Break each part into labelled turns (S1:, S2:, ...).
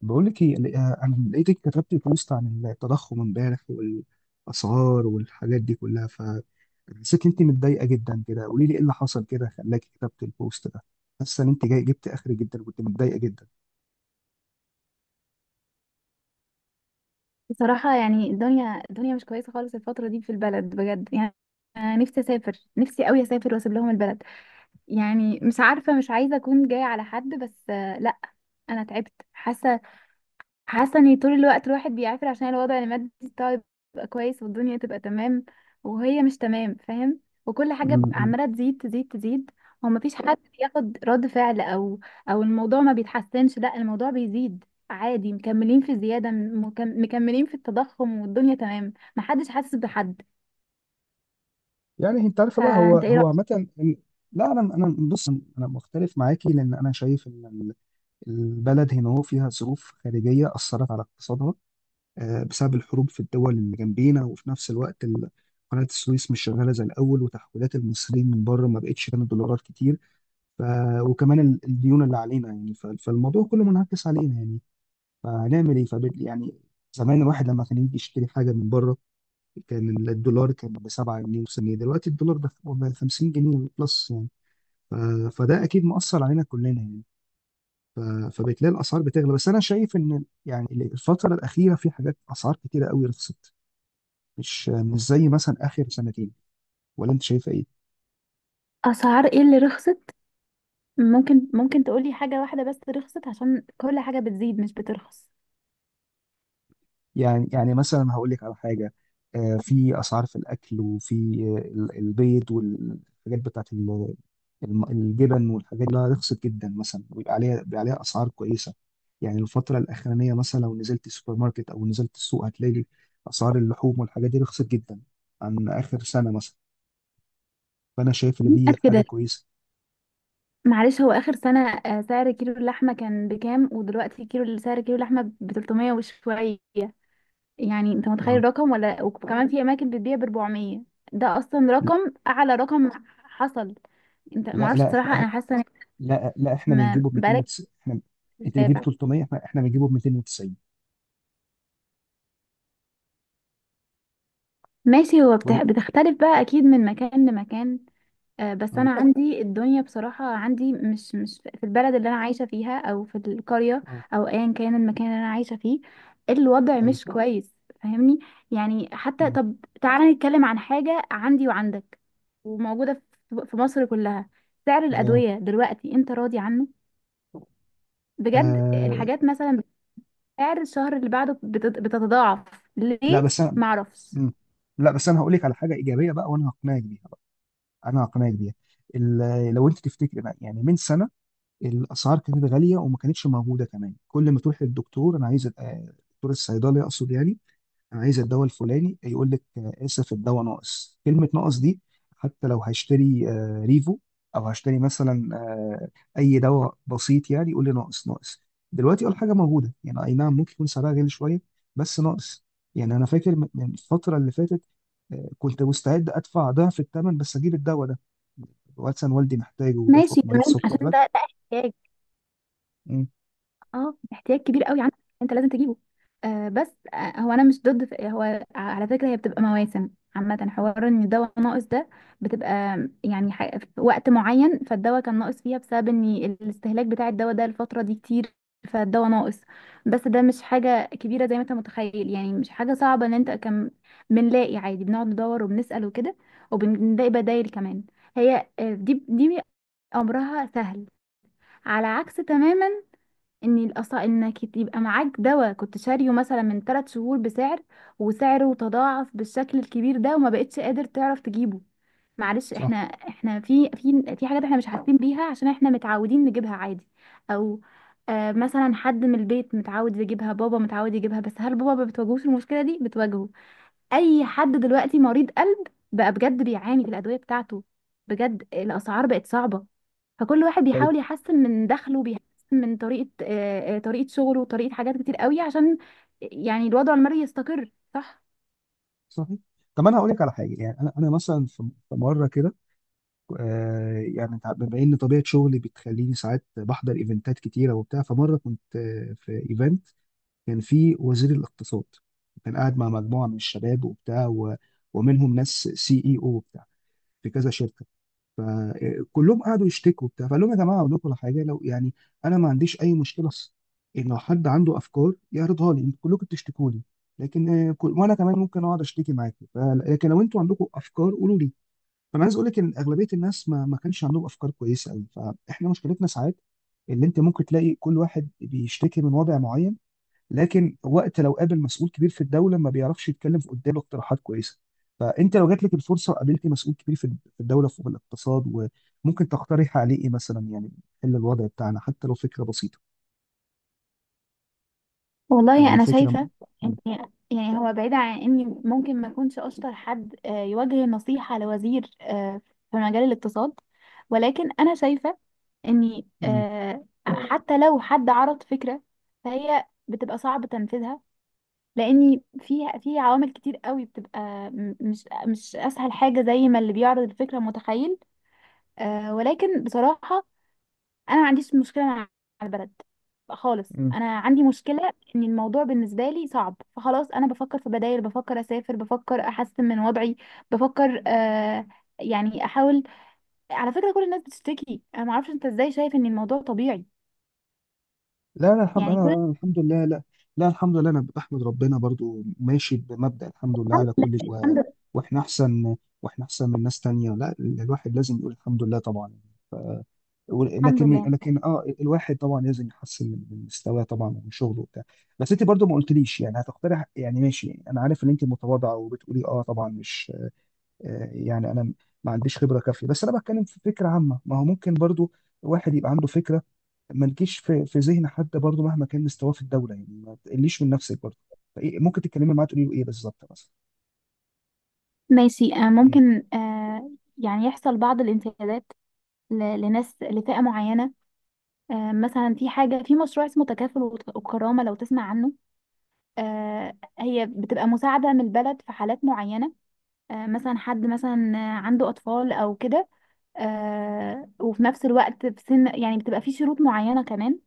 S1: بقول لك ايه، انا لقيتك كتبتي بوست عن التضخم امبارح والاسعار والحاجات دي كلها، فحسيت ان انت متضايقه جدا كده. قولي لي ايه اللي حصل كده خلاكي كتبت البوست ده. حاسه ان انت جاي جبت اخر جدا وكنت متضايقه جدا.
S2: بصراحة يعني الدنيا مش كويسة خالص الفترة دي في البلد بجد يعني. أنا نفسي أسافر، نفسي أوي أسافر وأسيب لهم البلد. يعني مش عارفة، مش عايزة أكون جاية على حد، بس آه، لأ. أنا تعبت، حاسة حاسه ان طول الوقت الواحد بيعافر عشان الوضع المادي بتاعه يبقى كويس والدنيا تبقى تمام، وهي مش تمام، فاهم؟ وكل
S1: م-م.
S2: عماله تزيد تزيد تزيد. هو مفيش حد بياخد رد فعل، او الموضوع ما بيتحسنش، لا الموضوع بيزيد عادي، مكملين في الزياده، مكملين في التضخم والدنيا تمام، محدش حاسس بحد.
S1: يعني انت عارفه بقى، هو
S2: فانت ايه
S1: هو
S2: رأيك؟
S1: عامه لا، انا بص، انا مختلف معاكي، لان انا شايف ان البلد هنا هو فيها ظروف خارجيه اثرت على اقتصادها، بسبب الحروب في الدول اللي جنبينا، وفي نفس الوقت قناة السويس مش شغالة زي الأول، وتحويلات المصريين من بره ما بقتش كانت دولارات كتير. ف... وكمان الديون اللي علينا يعني، فالموضوع كله منعكس علينا يعني. فهنعمل إيه؟ يعني، زمان الواحد لما كان يجي يشتري حاجة من بره، كان الدولار كان ب 7 جنيه، وسنة دلوقتي الدولار ده ب 50 جنيه بلس يعني. ف... فده أكيد مؤثر علينا كلنا يعني. ف... فبتلاقي الأسعار بتغلى، بس أنا شايف إن يعني الفترة الأخيرة في حاجات أسعار كتيرة قوي رخصت، مش زي مثلا اخر سنتين. ولا انت شايفه ايه؟
S2: اسعار ايه اللي رخصت؟ ممكن تقولي حاجه واحده بس رخصت، عشان كل حاجه بتزيد مش بترخص.
S1: يعني مثلا هقول لك على حاجه، في اسعار، في الاكل وفي البيض والحاجات بتاعت الجبن والحاجات دي رخصت جدا مثلا، ويبقى عليها، بيبقى عليها اسعار كويسه. يعني الفتره الاخرانيه مثلا لو نزلت السوبر ماركت او نزلت السوق هتلاقي اسعار اللحوم والحاجات دي رخصت جدا عن اخر سنه مثلا. فانا شايف ان
S2: مين
S1: دي
S2: قال
S1: حاجه
S2: كده؟
S1: كويسه.
S2: معلش، هو آخر سنة سعر كيلو اللحمة كان بكام؟ ودلوقتي كيلو، سعر كيلو اللحمة ب 300 وشوية، يعني انت متخيل
S1: آه.
S2: الرقم؟ ولا وكمان في أماكن بتبيع ب 400. ده أصلا
S1: لا
S2: رقم أعلى رقم حصل. انت
S1: لا
S2: معرفش،
S1: لا،
S2: بصراحة
S1: احنا.
S2: أنا حاسة إن
S1: لا لا، احنا بنجيبه ب
S2: بقالك
S1: 290 احنا. انت بتجيب
S2: متابع.
S1: 300، احنا بنجيبه ب 290.
S2: ماشي، هو
S1: بقول لك.
S2: بتختلف بقى أكيد من مكان لمكان. آه، بس
S1: اه.
S2: انا عندي الدنيا بصراحة، عندي مش في البلد اللي انا عايشة فيها، او في القرية،
S1: اه.
S2: او ايا كان المكان اللي انا عايشة فيه، الوضع
S1: ايوه.
S2: مش كويس، فاهمني؟ يعني حتى،
S1: مم.
S2: طب تعالى نتكلم عن حاجة عندي وعندك وموجودة في مصر كلها. سعر
S1: ده-
S2: الأدوية دلوقتي انت راضي عنه؟ بجد
S1: آه.
S2: الحاجات مثلا سعر الشهر اللي بعده بتتضاعف.
S1: لا
S2: ليه؟
S1: بس انا.
S2: معرفش.
S1: مم. لا بس انا هقول لك على حاجه ايجابيه بقى، وانا هقنعك بيها بقى. انا هقنعك بيها. لو انت تفتكر بقى يعني من سنه، الاسعار كانت غاليه وما كانتش موجوده كمان. كل ما تروح للدكتور، دكتور الصيدلي اقصد يعني، انا عايز الدواء الفلاني، يقول لك اسف الدواء ناقص. كلمه ناقص دي، حتى لو هشتري ريفو، او هشتري مثلا اي دواء بسيط يعني، يقول لي ناقص ناقص. دلوقتي اول حاجه موجوده يعني، اي نعم ممكن يكون سعرها غالي شويه بس ناقص. يعني انا فاكر من الفتره اللي فاتت، كنت مستعد ادفع ضعف الثمن بس اجيب الدواء ده. واتسن والدي محتاجه، وبياخد
S2: ماشي
S1: مريض
S2: تمام،
S1: سكر
S2: عشان ده
S1: دلوقتي.
S2: ده احتياج.
S1: امم
S2: اه، احتياج كبير قوي عندك، انت لازم تجيبه. آه بس، آه هو انا مش ضد، هو على فكره هي بتبقى مواسم عامه، حوار ان الدواء ناقص ده بتبقى، يعني في وقت معين فالدواء كان ناقص فيها بسبب ان الاستهلاك بتاع الدواء ده الفتره دي كتير، فالدواء ناقص. بس ده مش حاجه كبيره زي ما انت متخيل، يعني مش حاجه صعبه ان انت كم، بنلاقي عادي، بنقعد ندور وبنسال وكده، وبنلاقي بدايل كمان. هي آه، دي امرها سهل. على عكس تماما، ان انك يبقى معاك دواء كنت شاريه مثلا من 3 شهور بسعر، وسعره تضاعف بالشكل الكبير ده وما بقتش قادر تعرف تجيبه. معلش،
S1: صح.
S2: احنا في في حاجات احنا مش حاسين بيها عشان احنا متعودين نجيبها عادي. او آه مثلا حد من البيت متعود يجيبها، بابا متعود يجيبها، بس هل بابا ما بتواجهوش المشكلة دي؟ بتواجهه. اي حد دلوقتي مريض قلب بقى بجد بيعاني في الادويه بتاعته، بجد الاسعار بقت صعبه. فكل واحد
S1: طيب.
S2: بيحاول يحسن من دخله، بيحسن من طريقه آه، آه، طريقه شغله وطريقه حاجات كتير قوي عشان يعني الوضع المالي يستقر، صح.
S1: صحيح. طب انا هقول لك على حاجه يعني، انا مثلا في مره كده، يعني بما ان طبيعه شغلي بتخليني ساعات بحضر ايفنتات كتيره وبتاع، فمره كنت في ايفنت كان فيه وزير الاقتصاد، كان قاعد مع مجموعه من الشباب وبتاع، ومنهم ناس CEO وبتاع في كذا شركه. فكلهم قعدوا يشتكوا وبتاع، فقال لهم يا جماعه اقول لكم على حاجه، لو يعني انا ما عنديش اي مشكله اصلا، ان لو حد عنده افكار يعرضها لي. انتوا كلكم بتشتكوا لي لكن وانا كمان ممكن اقعد اشتكي معاكم لكن لو انتوا عندكم افكار قولوا لي. فانا عايز اقول لك ان اغلبيه الناس ما كانش عندهم افكار كويسه قوي. فاحنا مشكلتنا ساعات اللي انت ممكن تلاقي كل واحد بيشتكي من وضع معين، لكن وقت لو قابل مسؤول كبير في الدوله ما بيعرفش يتكلم في قدامه اقتراحات كويسه. فانت لو جات لك الفرصه وقابلتي مسؤول كبير في الدوله، في الاقتصاد، وممكن تقترح عليه ايه مثلا يعني، حل الوضع بتاعنا حتى لو فكره بسيطه.
S2: والله
S1: يعني
S2: انا
S1: فكره.
S2: شايفه ان،
S1: م...
S2: يعني هو بعيد عن اني ممكن ما اكونش اشطر حد آه، يوجه نصيحه لوزير آه، في مجال الاقتصاد، ولكن انا شايفه اني
S1: م...
S2: آه، حتى لو حد عرض فكره فهي بتبقى صعب تنفيذها، لاني فيها في عوامل كتير قوي، بتبقى مش اسهل حاجه زي ما اللي بيعرض الفكره متخيل. آه، ولكن بصراحه انا ما عنديش مشكله مع البلد خالص،
S1: م...
S2: انا عندي مشكله ان الموضوع بالنسبه لي صعب، فخلاص انا بفكر في بدائل، بفكر اسافر، بفكر احسن من وضعي، بفكر آه يعني احاول. على فكره كل الناس بتشتكي، انا ما اعرفش انت ازاي شايف ان الموضوع طبيعي؟
S1: لا لا، الحمد،
S2: يعني كل.
S1: الحمد لله، لا. لا الحمد لله، انا بحمد ربنا برضو، ماشي بمبدأ الحمد لله
S2: الحمد
S1: على
S2: لله.
S1: كل شيء
S2: الحمد لله.
S1: واحنا احسن واحنا احسن من ناس تانية، لا الواحد لازم يقول الحمد لله طبعا.
S2: الحمد
S1: لكن
S2: لله.
S1: الواحد طبعا لازم يحسن من مستواه طبعا، ومن شغله وبتاع. بس انت برضو ما قلتليش يعني هتقترح، يعني ماشي انا عارف ان انت متواضعة وبتقولي اه طبعا مش يعني انا ما عنديش خبرة كافية، بس انا بتكلم في فكرة عامة. ما هو ممكن برضو الواحد يبقى عنده فكرة ما تجيش في ذهن حد برضه، مهما كان مستواه في الدوله يعني، ما تقليش من نفسك برضه. فإيه ممكن تتكلمي معاه تقولي له ايه بالظبط مثلا؟
S2: ماشي آه،
S1: مم.
S2: ممكن آه، يعني يحصل بعض الانتهاكات لناس، لفئة معينة آه، مثلا في حاجة، في مشروع اسمه تكافل وكرامة، لو تسمع عنه. آه، هي بتبقى مساعدة من البلد في حالات معينة. آه، مثلا حد مثلا عنده أطفال أو كده، آه، وفي نفس الوقت في سن، يعني بتبقى في شروط معينة كمان،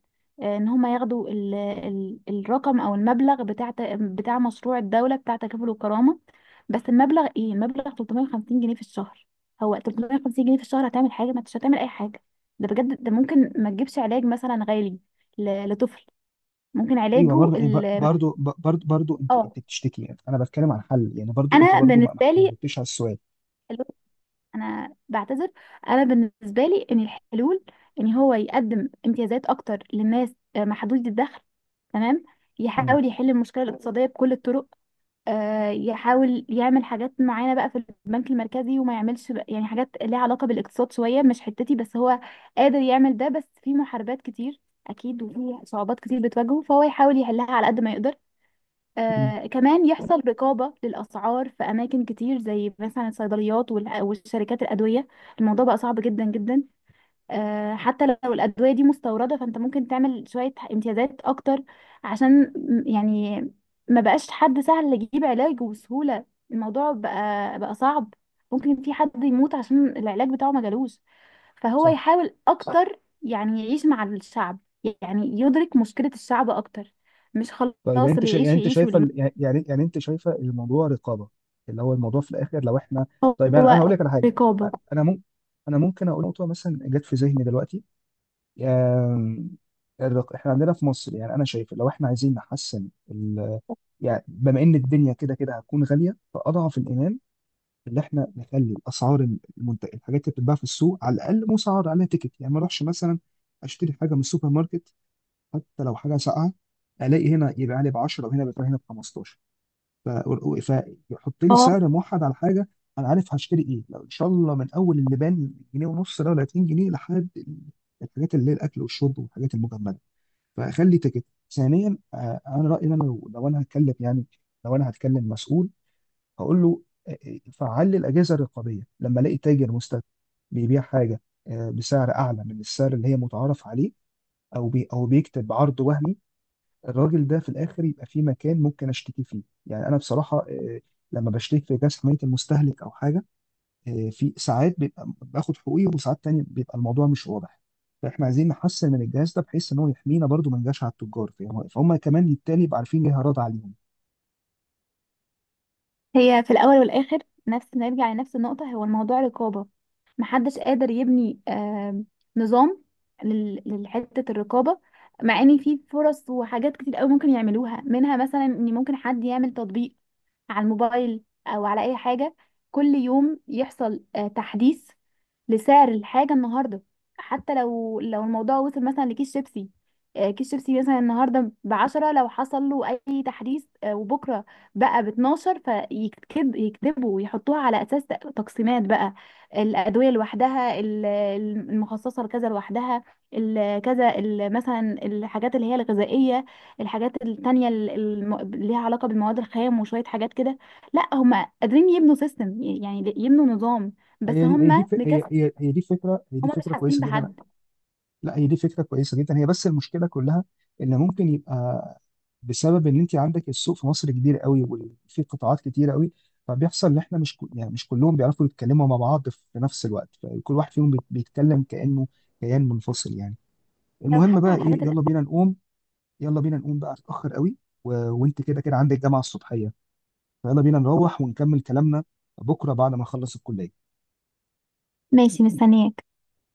S2: آه، إن هما ياخدوا ال الرقم أو المبلغ بتاع بتاع مشروع الدولة، بتاع تكافل والكرامة. بس المبلغ إيه؟ المبلغ 350 ج في الشهر. هو 350 ج في الشهر هتعمل حاجة؟ ما انتش هتعمل أي حاجة. ده بجد ده ممكن ما تجيبش علاج مثلا غالي لطفل، ممكن
S1: ايوه.
S2: علاجه
S1: برضه برضه
S2: ال،
S1: برضه ب- برضه برضه، انت
S2: اه
S1: انت بتشتكي يعني، انا بتكلم عن حل يعني. برضه انت
S2: انا
S1: برضه ما ما
S2: بالنسبه
S1: ما
S2: لي
S1: جبتيش على السؤال.
S2: الحلول، انا بعتذر، انا بالنسبه لي ان الحلول ان هو يقدم امتيازات اكتر للناس آه، محدودي الدخل، تمام.
S1: مم.
S2: يحاول يحل المشكله الاقتصاديه بكل الطرق، آه، يحاول يعمل حاجات معينه بقى في البنك المركزي وما يعملش يعني حاجات ليها علاقه بالاقتصاد شويه مش حتتي، بس هو قادر يعمل ده، بس في محاربات كتير اكيد وفي صعوبات كتير بتواجهه، فهو يحاول يحلها على قد ما يقدر.
S1: مم.
S2: آه كمان يحصل رقابة للأسعار في أماكن كتير زي مثلا الصيدليات والشركات الأدوية، الموضوع بقى صعب جدا جدا. آه حتى لو الأدوية دي مستوردة، فأنت ممكن تعمل شوية امتيازات أكتر عشان يعني ما بقاش حد سهل يجيب علاج بسهولة، الموضوع بقى صعب، ممكن في حد يموت عشان العلاج بتاعه ما جالوش. فهو
S1: صح.
S2: يحاول أكتر يعني يعيش مع الشعب، يعني يدرك مشكلة الشعب أكتر، مش
S1: طيب، يعني
S2: خلاص
S1: انت
S2: اللي
S1: يعني
S2: يعيش
S1: انت
S2: يعيش
S1: شايفه
S2: واللي،
S1: يعني انت شايفه الموضوع رقابه، اللي هو الموضوع في الاخر. لو احنا، طيب يعني
S2: هو
S1: انا هقول لك على حاجه.
S2: رقابة.
S1: انا ممكن انا ممكن اقول نقطه مثلا جت في ذهني دلوقتي، آم، احنا عندنا في مصر، يعني انا شايف لو احنا عايزين نحسن يعني، بما ان الدنيا كده كده هتكون غاليه، فاضعف الايمان اللي احنا نخلي الاسعار، المنتج، الحاجات اللي بتتباع في السوق على الاقل مسعر عليها تيكت. يعني ما اروحش مثلا اشتري حاجه من السوبر ماركت، حتى لو حاجه ساقعه، الاقي هنا يبقى عليه ب 10 وهنا بيبقى هنا ب 15. ف- و- فيحط لي
S2: اه
S1: سعر موحد على حاجه، انا عارف هشتري ايه لو ان شاء الله، من اول اللبان جنيه ونص ده ولا 2 جنيه لحد الحاجات اللي هي الاكل والشرب والحاجات المجمده، فاخلي تيكت. ثانيا، انا رايي إن انا، لو لو انا هتكلم يعني، لو انا هتكلم مسؤول، هقول له فعل لي الاجهزه الرقابيه. لما الاقي تاجر مستثمر بيبيع حاجه بسعر اعلى من السعر اللي هي متعارف عليه، او بيكتب عرض وهمي، الراجل ده في الاخر يبقى في مكان ممكن اشتكي فيه. يعني انا بصراحه لما بشتكي في جهاز حمايه المستهلك او حاجه، في ساعات بيبقى باخد حقوقي، وساعات تانية بيبقى الموضوع مش واضح. فاحنا عايزين نحسن من الجهاز ده، بحيث ان هو يحمينا برضو، ما نجاش على التجار. فاهم؟ فهم كمان بالتالي يبقى عارفين ليه هرد عليهم.
S2: هي في الأول والآخر، نفس، نرجع لنفس النقطة، هو الموضوع رقابة، محدش قادر يبني نظام لحتة الرقابة، مع ان في فرص وحاجات كتير قوي ممكن يعملوها، منها مثلا ان ممكن حد يعمل تطبيق على الموبايل او على اي حاجة، كل يوم يحصل آه، تحديث لسعر الحاجة النهاردة، حتى لو الموضوع وصل مثلا لكيس شيبسي، آه، كيس شيبسي مثلا النهاردة ب 10، لو حصل له أي تحديث آه، وبكرة بقى ب 12، فيكتب يكتبوا ويحطوها على أساس تقسيمات بقى، الأدوية لوحدها المخصصة لكذا لوحدها، مثلا الحاجات اللي هي الغذائية، الحاجات التانية اللي ليها علاقة بالمواد الخام وشوية حاجات كده. لا هم قادرين يبنوا سيستم، يعني يبنوا نظام، بس
S1: هي دي هي
S2: هم،
S1: دي هي هي هي دي فكره هي دي
S2: هما مش
S1: فكره
S2: حاسين
S1: كويسه جدا.
S2: بحد،
S1: لا، هي دي فكرة كويسة جدا، هي. بس المشكلة كلها إن ممكن يبقى بسبب إن أنت عندك السوق في مصر كبير قوي، وفي قطاعات كتير قوي. فبيحصل إن إحنا مش يعني مش كلهم بيعرفوا يتكلموا مع بعض في نفس الوقت، فكل واحد فيهم بيتكلم كأنه كيان منفصل يعني.
S2: لو
S1: المهم
S2: حتى
S1: بقى
S2: على
S1: إيه،
S2: الحاجات
S1: يلا
S2: الأساسية.
S1: بينا نقوم. بقى اتأخر قوي، وأنت كده كده عندك جامعة الصبحية، فيلا بينا نروح ونكمل كلامنا بكرة بعد ما نخلص الكلية.
S2: ماشي مستنياك،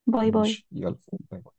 S2: باي باي.
S1: ماشي يلا. باي باي.